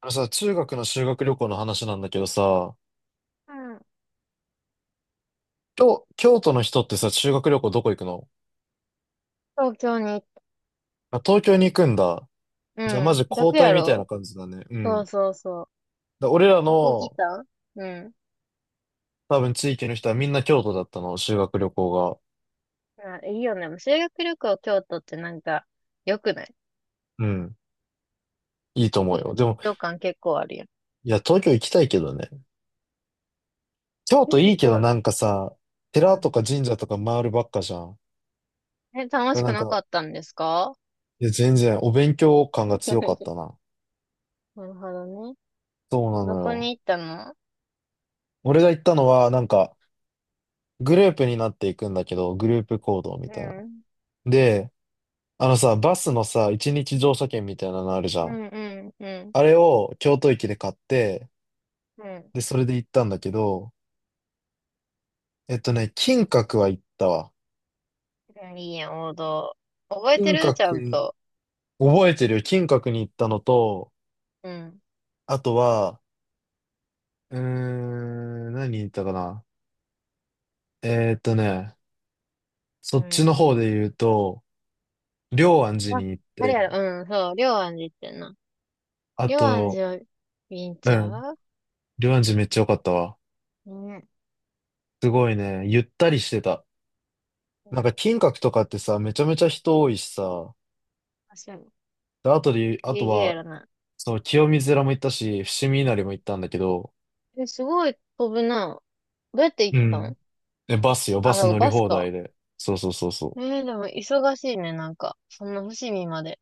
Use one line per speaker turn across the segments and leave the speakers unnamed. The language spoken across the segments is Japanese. あのさ、中学の修学旅行の話なんだけどさ、
うん。
京都の人ってさ、修学旅行どこ行くの？
東京に行っ
あ、東京に行くんだ。
た。
じゃあ
う
マ
ん。
ジ交
楽
代
や
みたい
ろ
な感じだね。う
そ
ん。
うそうそう。
だ俺ら
どこ来
の
たうん。
多分地域の人はみんな京都だったの、修学旅行が。
あ、いいよね。修学旅行京都ってなんか、良くない
うん。いいと思う
いい
よ。
ね。
でも、
旅感結構あるよ。
いや、東京行きたいけどね。京
え、
都
そ
いいけど
こ、
なんかさ、寺
う
と
ん。
か神社とか回るばっかじゃん。
え、楽
だ
しく
なん
な
か、
かったんですか
いや、全然お勉強感が 強かっ
な
たな。
るほどね。
そうな
ど
の
こ
よ。
に行ったの
俺が行ったのは、なんか、グループになっていくんだけど、グループ行動み
う
たいな。
ん。
で、あのさ、バスのさ、一日乗車券みたいなのあるじゃ
う
ん。
んうんうん。
あれを京都駅で買って、
うん。
で、それで行ったんだけど、金閣は行ったわ。
うんいいやん、王道。覚えて
金
るちゃ
閣
ん
に、
と。
覚えてるよ。金閣に行ったのと、
うん。
あとは、何に行ったかな。えーっとね、そ
う
っちの
ん。
方で言うと、龍安寺
あ、
に行っ
あれや
て、
ろ。うん、そう。龍安寺行ってんな。
あ
龍安
と、
寺を、ビン
う
チャ
ん、
ー
龍安寺めっちゃ良かったわ。
ね
すごいね、ゆったりしてた。
え。う
なん
ん、
か金閣とかってさ、めちゃめちゃ人多いしさ、
確かに。
で、あとで、あ
ギ
と
リギリや
は、
らな
その清水寺も行ったし、伏見稲荷も行ったんだけど、
い。え、すごい飛ぶな。どうやって行
う
った
ん。
ん
え、バスよ、バ
あ、だ
ス
から
乗り
バス
放題
か。
で。そうそうそうそ
えー、でも忙しいね、なんか。そんな伏見まで。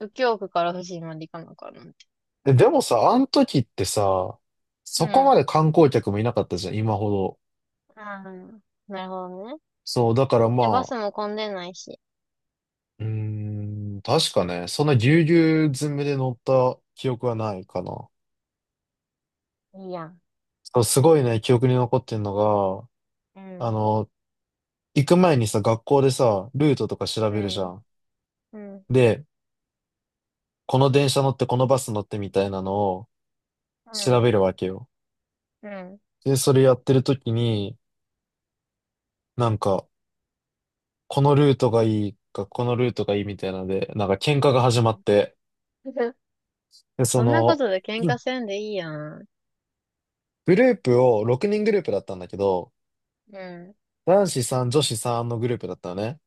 右京区から伏見まで行かなあかんなんて。
う。え、でもさ、あの時ってさ、
う
そこま
ん。
で観光客もいなかったじゃん、今ほど。
ああ、なるほどね。
そう、だからま
いや、バ
あ、
スも混んでないし。
うー確かね、そんなぎゅうぎゅう詰めで乗った記憶はないかな。
いいやん。
そう、すごいね、記憶に残ってんの
う
が、あ
ん。
の、行く前にさ、学校でさ、ルートとか調
う
べるじゃ
ん。
ん。
うん。
で、この電車乗ってこのバス乗ってみたいなのを
う
調
ん。
べるわけよ。
うん。
で、それやってる時に、なんか、このルートがいいか、このルートがいいみたいなので、なんか喧嘩が始まって、
うん。
で、そ
そんなこ
の、
とで喧
うん
嘩せんでいいやん。
グループを6人グループだったんだけど、
うん。
男子さん女子さんのグループだったのね。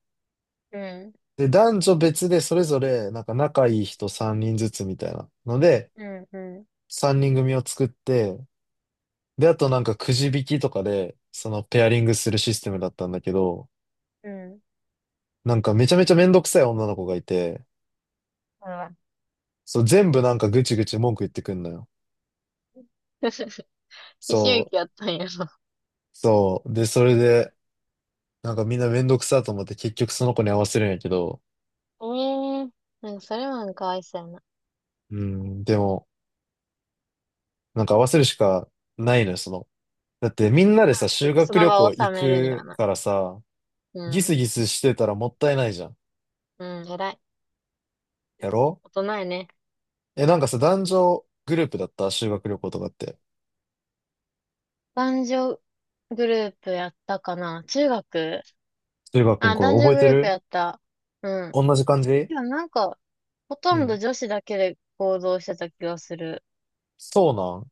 うん。
で、男女別でそれぞれ、なんか仲いい人3人ずつみたいなので、
うん。うん。
3人組を作って、で、あとなんかくじ引きとかで、そのペアリングするシステムだったんだけど、
うん。
なんかめちゃめちゃめんどくさい女の子がいて、
あら。
そう、全部なんかぐちぐち文句言ってくんのよ。
一周期
そう、
やったんやろ。
そう。で、それで、なんかみんなめんどくさと思って結局その子に合わせるんやけど、
ええなんかそれはなんかかわいそ想やな。
うん、でも、なんか合わせるしかないのよ、その。だってみんな
あ
でさ、
そ
修
こ、そ
学
の
旅
場
行
を
行
収めるには
く
な。
からさ、
う
ギス
ん。
ギスしてたらもったいないじゃん。
うん、偉い。
やろ
大人やね。
え、なんかさ、男女グループだった修学旅行とかって。
男女グループやったかな中学
修学くん、
あ、
これ
男女
覚え
グ
て
ループ
る？
やった。うん。
同じ感じ？
いや、なんか、ほ
う
とんど
ん。
女子だけで行動してた気がする。
そうなん？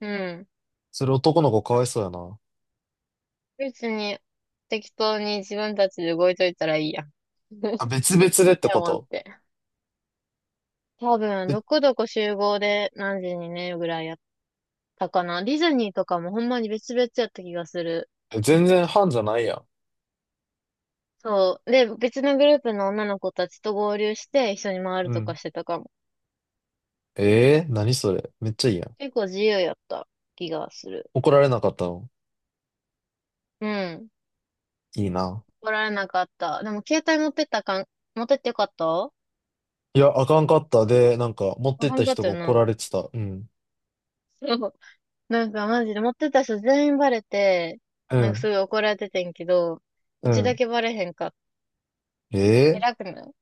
うん。
それ男の子か
だ
わ
っ
いそ
て
うやな。
別に、適当に自分たちで動いといたらいいやん。い
あ、別々でって
や、
こ
待っ
と？
て。多分、
え、
どこどこ集合で何時にね、ぐらいやたかな。ディズニーとかもほんまに別々やった気がする。
全然班じゃないやん。
そう。で、別のグループの女の子たちと合流して一緒に回
う
るとか
ん。
してたかも。
ええー、何それ。めっちゃいいやん。
結構自由やった気がする。
怒られなかったの？
うん。
いいな。
怒られなかった。でも携帯持ってったかん、持ってってよかった
いや、あかんかった。で、なんか、持っ
あ
てっ
か
た
んかっ
人
た
が
よ
怒
な。
られてた。うん。
そう。なんかマジで持ってた人全員バレて、
う
なんかす
ん。
ごい怒られててんけど、
う
うちだ
ん。
けバレへんかった。
ええ
偉くない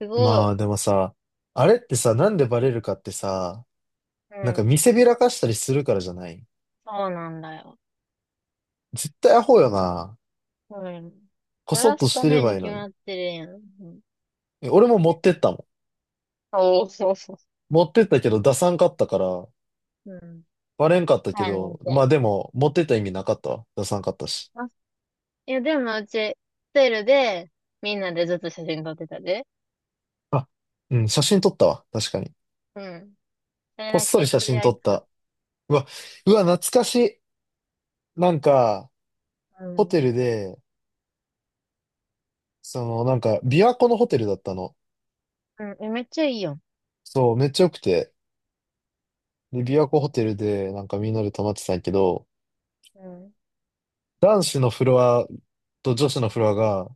す
ー、
ごい。
まあ、でもさ、あれってさ、なんでバレるかってさ、
う
なんか
ん。
見せびらかしたりするからじゃない？
そうなんだよ。
絶対アホよな。
うん。
こ
バ
そっ
ラ
と
す
し
た
てれ
め
ば
に
いいの
決
に。
まってるやん。うん
え俺も持ってったもん。
おー、そうそ
持ってったけど出さんかったから、
う。うん。
バレんかったけ
3年ん
ど、ま
て。
あでも、持ってった意味なかったわ。出さんかったし。
あ、いや、でもうち、ホテルで、みんなでずっと写真撮ってたで。
あ、うん、写真撮ったわ。確かに。
うん。それ
こっ
だ
そり
け。
写
それ
真
はい
撮
いん
っ
か。
た。うわ、うわ、懐かしい。なんか、
う
ホ
ん。
テルで、その、なんか、琵琶湖のホテルだったの。
うん。え、めっちゃいいよ。
そう、めっちゃ良くて。で、琵琶湖ホテルで、なんかみんなで泊まってたんやけど、
うん。
男子のフロアと女子のフロアが、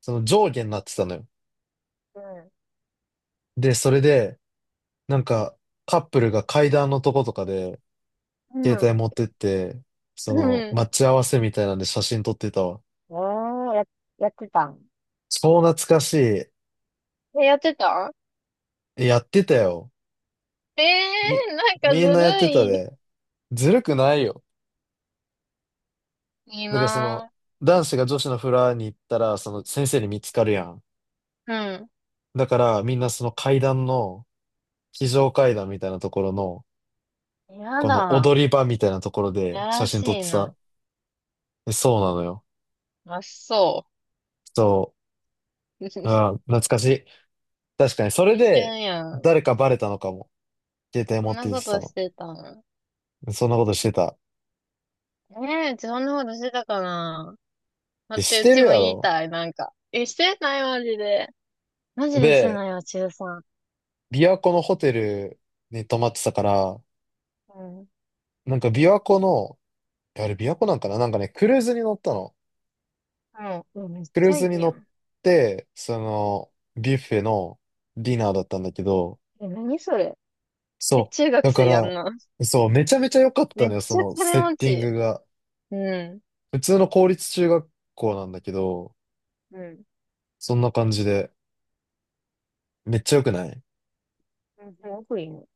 その上下になってたのよ。
うん。
で、それで、なんか、カップルが階段のとことかで、
う
携
ん。
帯持ってって、そ
う
の、
ん。
待ち合わせみたいなんで写真撮ってたわ。
おー、や、やってたん。
超懐かしい。
え、やってた
えやってたよ。
え
み、
ー、なんか
みん
ず
なやって
る
た
い。
で。ずるくないよ。
いい
だからその、
な
男子が女子のフラに行ったら、その先生に見つかるやん。
ぁ。
だからみんなその階段の、非常階段みたいなところの、
うん。や
この
だ。
踊り場みたいなところで
や
写
ら
真
し
撮って
いな。
さ。えそうなのよ。
あ、そ
そ
う。
う。ああ、懐かしい。確かに、それ
青
で、
春やん。
誰かバレたのかも。携帯
そ
持
ん
って
な
行っ
こ
てた
とし
の。
てたの。
そんなことしてた。
ねえ、うちそんなことしてたかな。だ
で、
っ
し
て、う
て
ち
る
も
や
言い
ろ。
たい、なんか。え、してない、マジで。マジでして
で、
ないわ、中3。
琵琶湖のホテルに泊まってたから、
うん。
なんか琵琶湖のあれ、琵琶湖なんかななんかね、クルーズに乗ったの。
もう、うわめっ
クル
ち
ー
ゃい
ズに
い
乗
や
っ
ん。
て、その、ビュッフェのディナーだったんだけど、
え、何それ。え、
そう。
中学
だか
生やん
ら、
な。
そう、めちゃめちゃ良かった
めっ
のよ、そ
ちゃ
の
金
セッ
持
ティン
ち。
グが。
うん。
普通の公立中学校なんだけど、
うん。
そんな感じで、めっちゃ良くない？
うん、すごくいいの。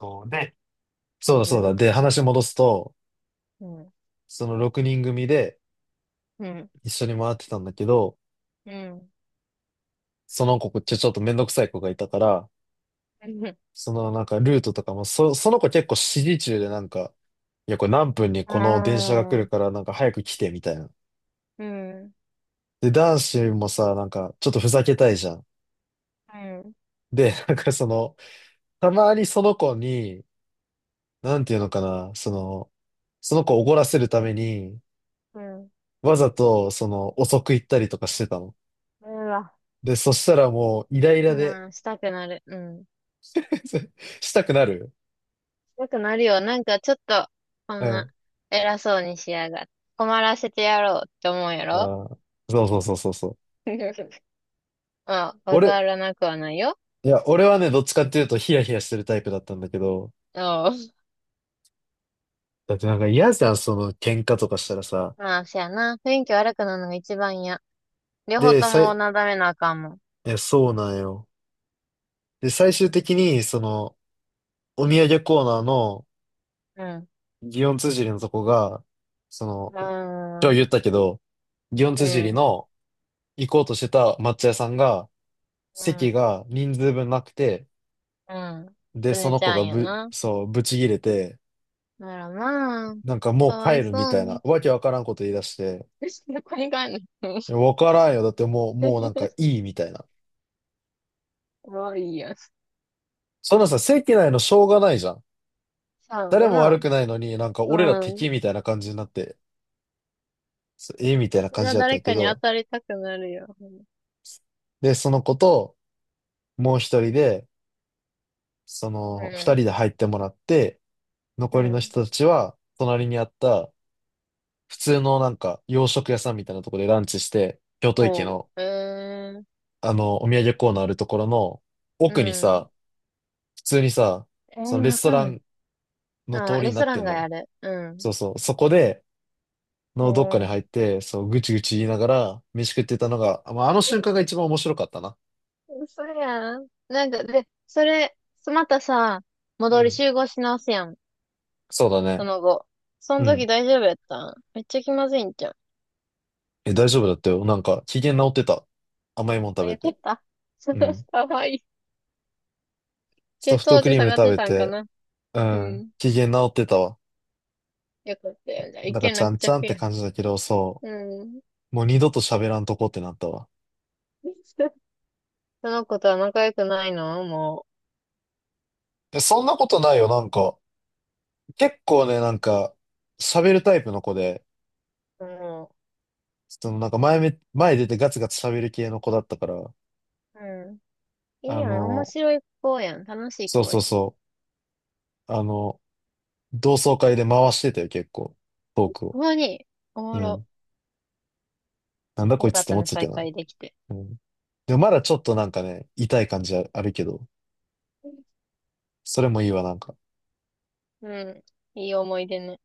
そうで、そうだそ
ず
うだ。
る。
で、話戻すと、
うん。
その6人組で
うん。
一緒に回ってたんだけど、
うん。
その子、こっちちょっとめんどくさい子がいたから、
うん。
そのなんかルートとかも、その子結構指示中でなんか、いや、これ何分に
あ
この電車が来るか
あ。
らなんか早く来てみたいな。
うん。
で、男子もさ、なんかちょっとふざけたいじゃん。
うん。
で、なんかその、たまにその子に、なんていうのかな、その、その子を怒らせるために、
うん。
わざとその遅く行ったりとかしてたの。
うわ。
で、そしたらもうイライラで
うん、したくなる。うん。
したくなる。
よくなるよ。なんかちょっと、こ
う
んな、
ん。
偉そうにしやがって。困らせてやろうって思うや
あ
ろ
ーそうそうそうそうそう。
うん、わ
俺、
からなくはないよ。
いや、俺はね、どっちかっていうとヒヤヒヤしてるタイプだったんだけど、
うん。
だってなんか嫌じゃん、その喧嘩とかしたらさ。
まあ、しやな。雰囲気悪くなるのが一番や。両方
で、
と
さ
も
い、
なだめなあかんもん。
いや、そうなんよ。で、最終的に、その、お土産コーナーの、
うん。
祇園綴りのとこが、そ
う
の、
ー
今日言っ
ん。
たけど、祇園
う
綴り
ん。
の行こうとしてた抹茶屋さんが、
う
席
ん。
が人数分なくて、
うん。
で、
す
そ
ね
の
ち
子
ゃ
が
んや
ぶ、
な。
そう、ぶち切れて、
ならまあ、
なんかも
か
う
わ
帰
い
るみ
そう
たいな、
に。
わけわからんこと言い出して、
どこに帰んの
いやわからんよ。だってもう、もうなんかい いみたいな。
かわいいやん。
そんなさ、席内のしょうがないじゃん。
そう
誰
や
も
な。
悪くないのに、なんか俺ら
うん。
敵みたいな感じになって、そうえみたいな
そ
感
れ
じ
は
だったん
誰
やけ
かに当
ど、
たりたくなるよ。
で、その子と、もう一人で、そ
う
の、二人
ん。
で入ってもらって、
う
残りの
ん。
人たちは、隣にあった、普通のなんか、洋食屋さんみたいなところでランチして、京都駅
ほ
の、
う。えー、
あの、お土産コーナーあるところの、
う
奥に
ん。
さ、普通にさ、
え
その
ー、
レ
わ
スト
かん
ラ
ない。
ンの通
あ
りに
レス
な
ト
っ
ラ
て
ン
んの
が
よ。
やる。うん。
そうそう。そこで、
え
のどっかに
ー、
入って、そう、ぐちぐち言いながら飯食ってたのが、まあ、あの瞬間が一番面白かったな。
嘘やん。なんか、で、それ、またさ、
う
戻り
ん。
集合し直すやん。
そうだ
そ
ね。
の後。そ
う
の時
ん。
大丈夫やったんめっちゃ気まずいんじゃん。
え、大丈夫だったよ。なんか、機嫌治ってた。甘いもん食
あ、
べ
やって
て。
た
う ん。
かわいい。
ソ
血
フト
糖
ク
値
リー
下
ム
がっ
食
て
べ
たんか
て、
な
う
う
ん。
ん。
機嫌治ってたわ。
よかったよ。じゃあ、一
だから、
件
ちゃ
落
んちゃんっ
着
て
や。
感じだけど、そ
うん。
う。もう二度と喋らんとこってなったわ。
その子とは仲良くないのも
え、そんなことないよ。なんか、結構ね、なんか、喋るタイプの子で、
う。も
そのなんか前出てガツガツ喋る系の子だったから、
う。うん。いい
あ
やん。面
の、
白い子やん。楽しい
そう
子
そ
や
う
ん。
そう。あの、同窓会で回してたよ、結構。トークを。
ほんまに、おも
う
ろ。
ん。なんだこ
よ
い
か
つっ
っ
て
た
思っ
ね、
てたけ
再
どな。
会できて。
うん。でもまだちょっとなんかね、痛い感じあるけど、それもいいわ、なんか。
うん。いい思い出ね。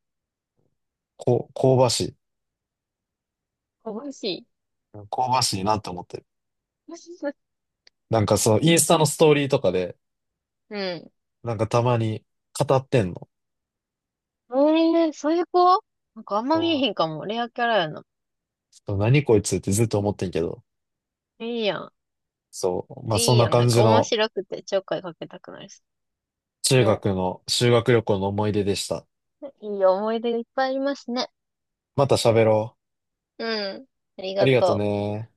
こう、香ばしい。
楽しい。
うん香ばしいなって思ってる。なんかそのインスタのストーリーとかで、
うん。
なんかたまに語ってんの。
えー、そういう子なんかあんま見え
あ
へんかも。レアキャラやな。
ー何こいつってずっと思ってんけど。
いいやん。
そう。まあそ
い
ん
い
な
やん。な
感
んか
じ
面
の
白くてちょっかいかけたくなるし。
中
ね。
学の修学旅行の思い出でした。
いい思い出がいっぱいありますね。
また喋ろ
うん。あり
う。あ
が
りがと
とう。
ね。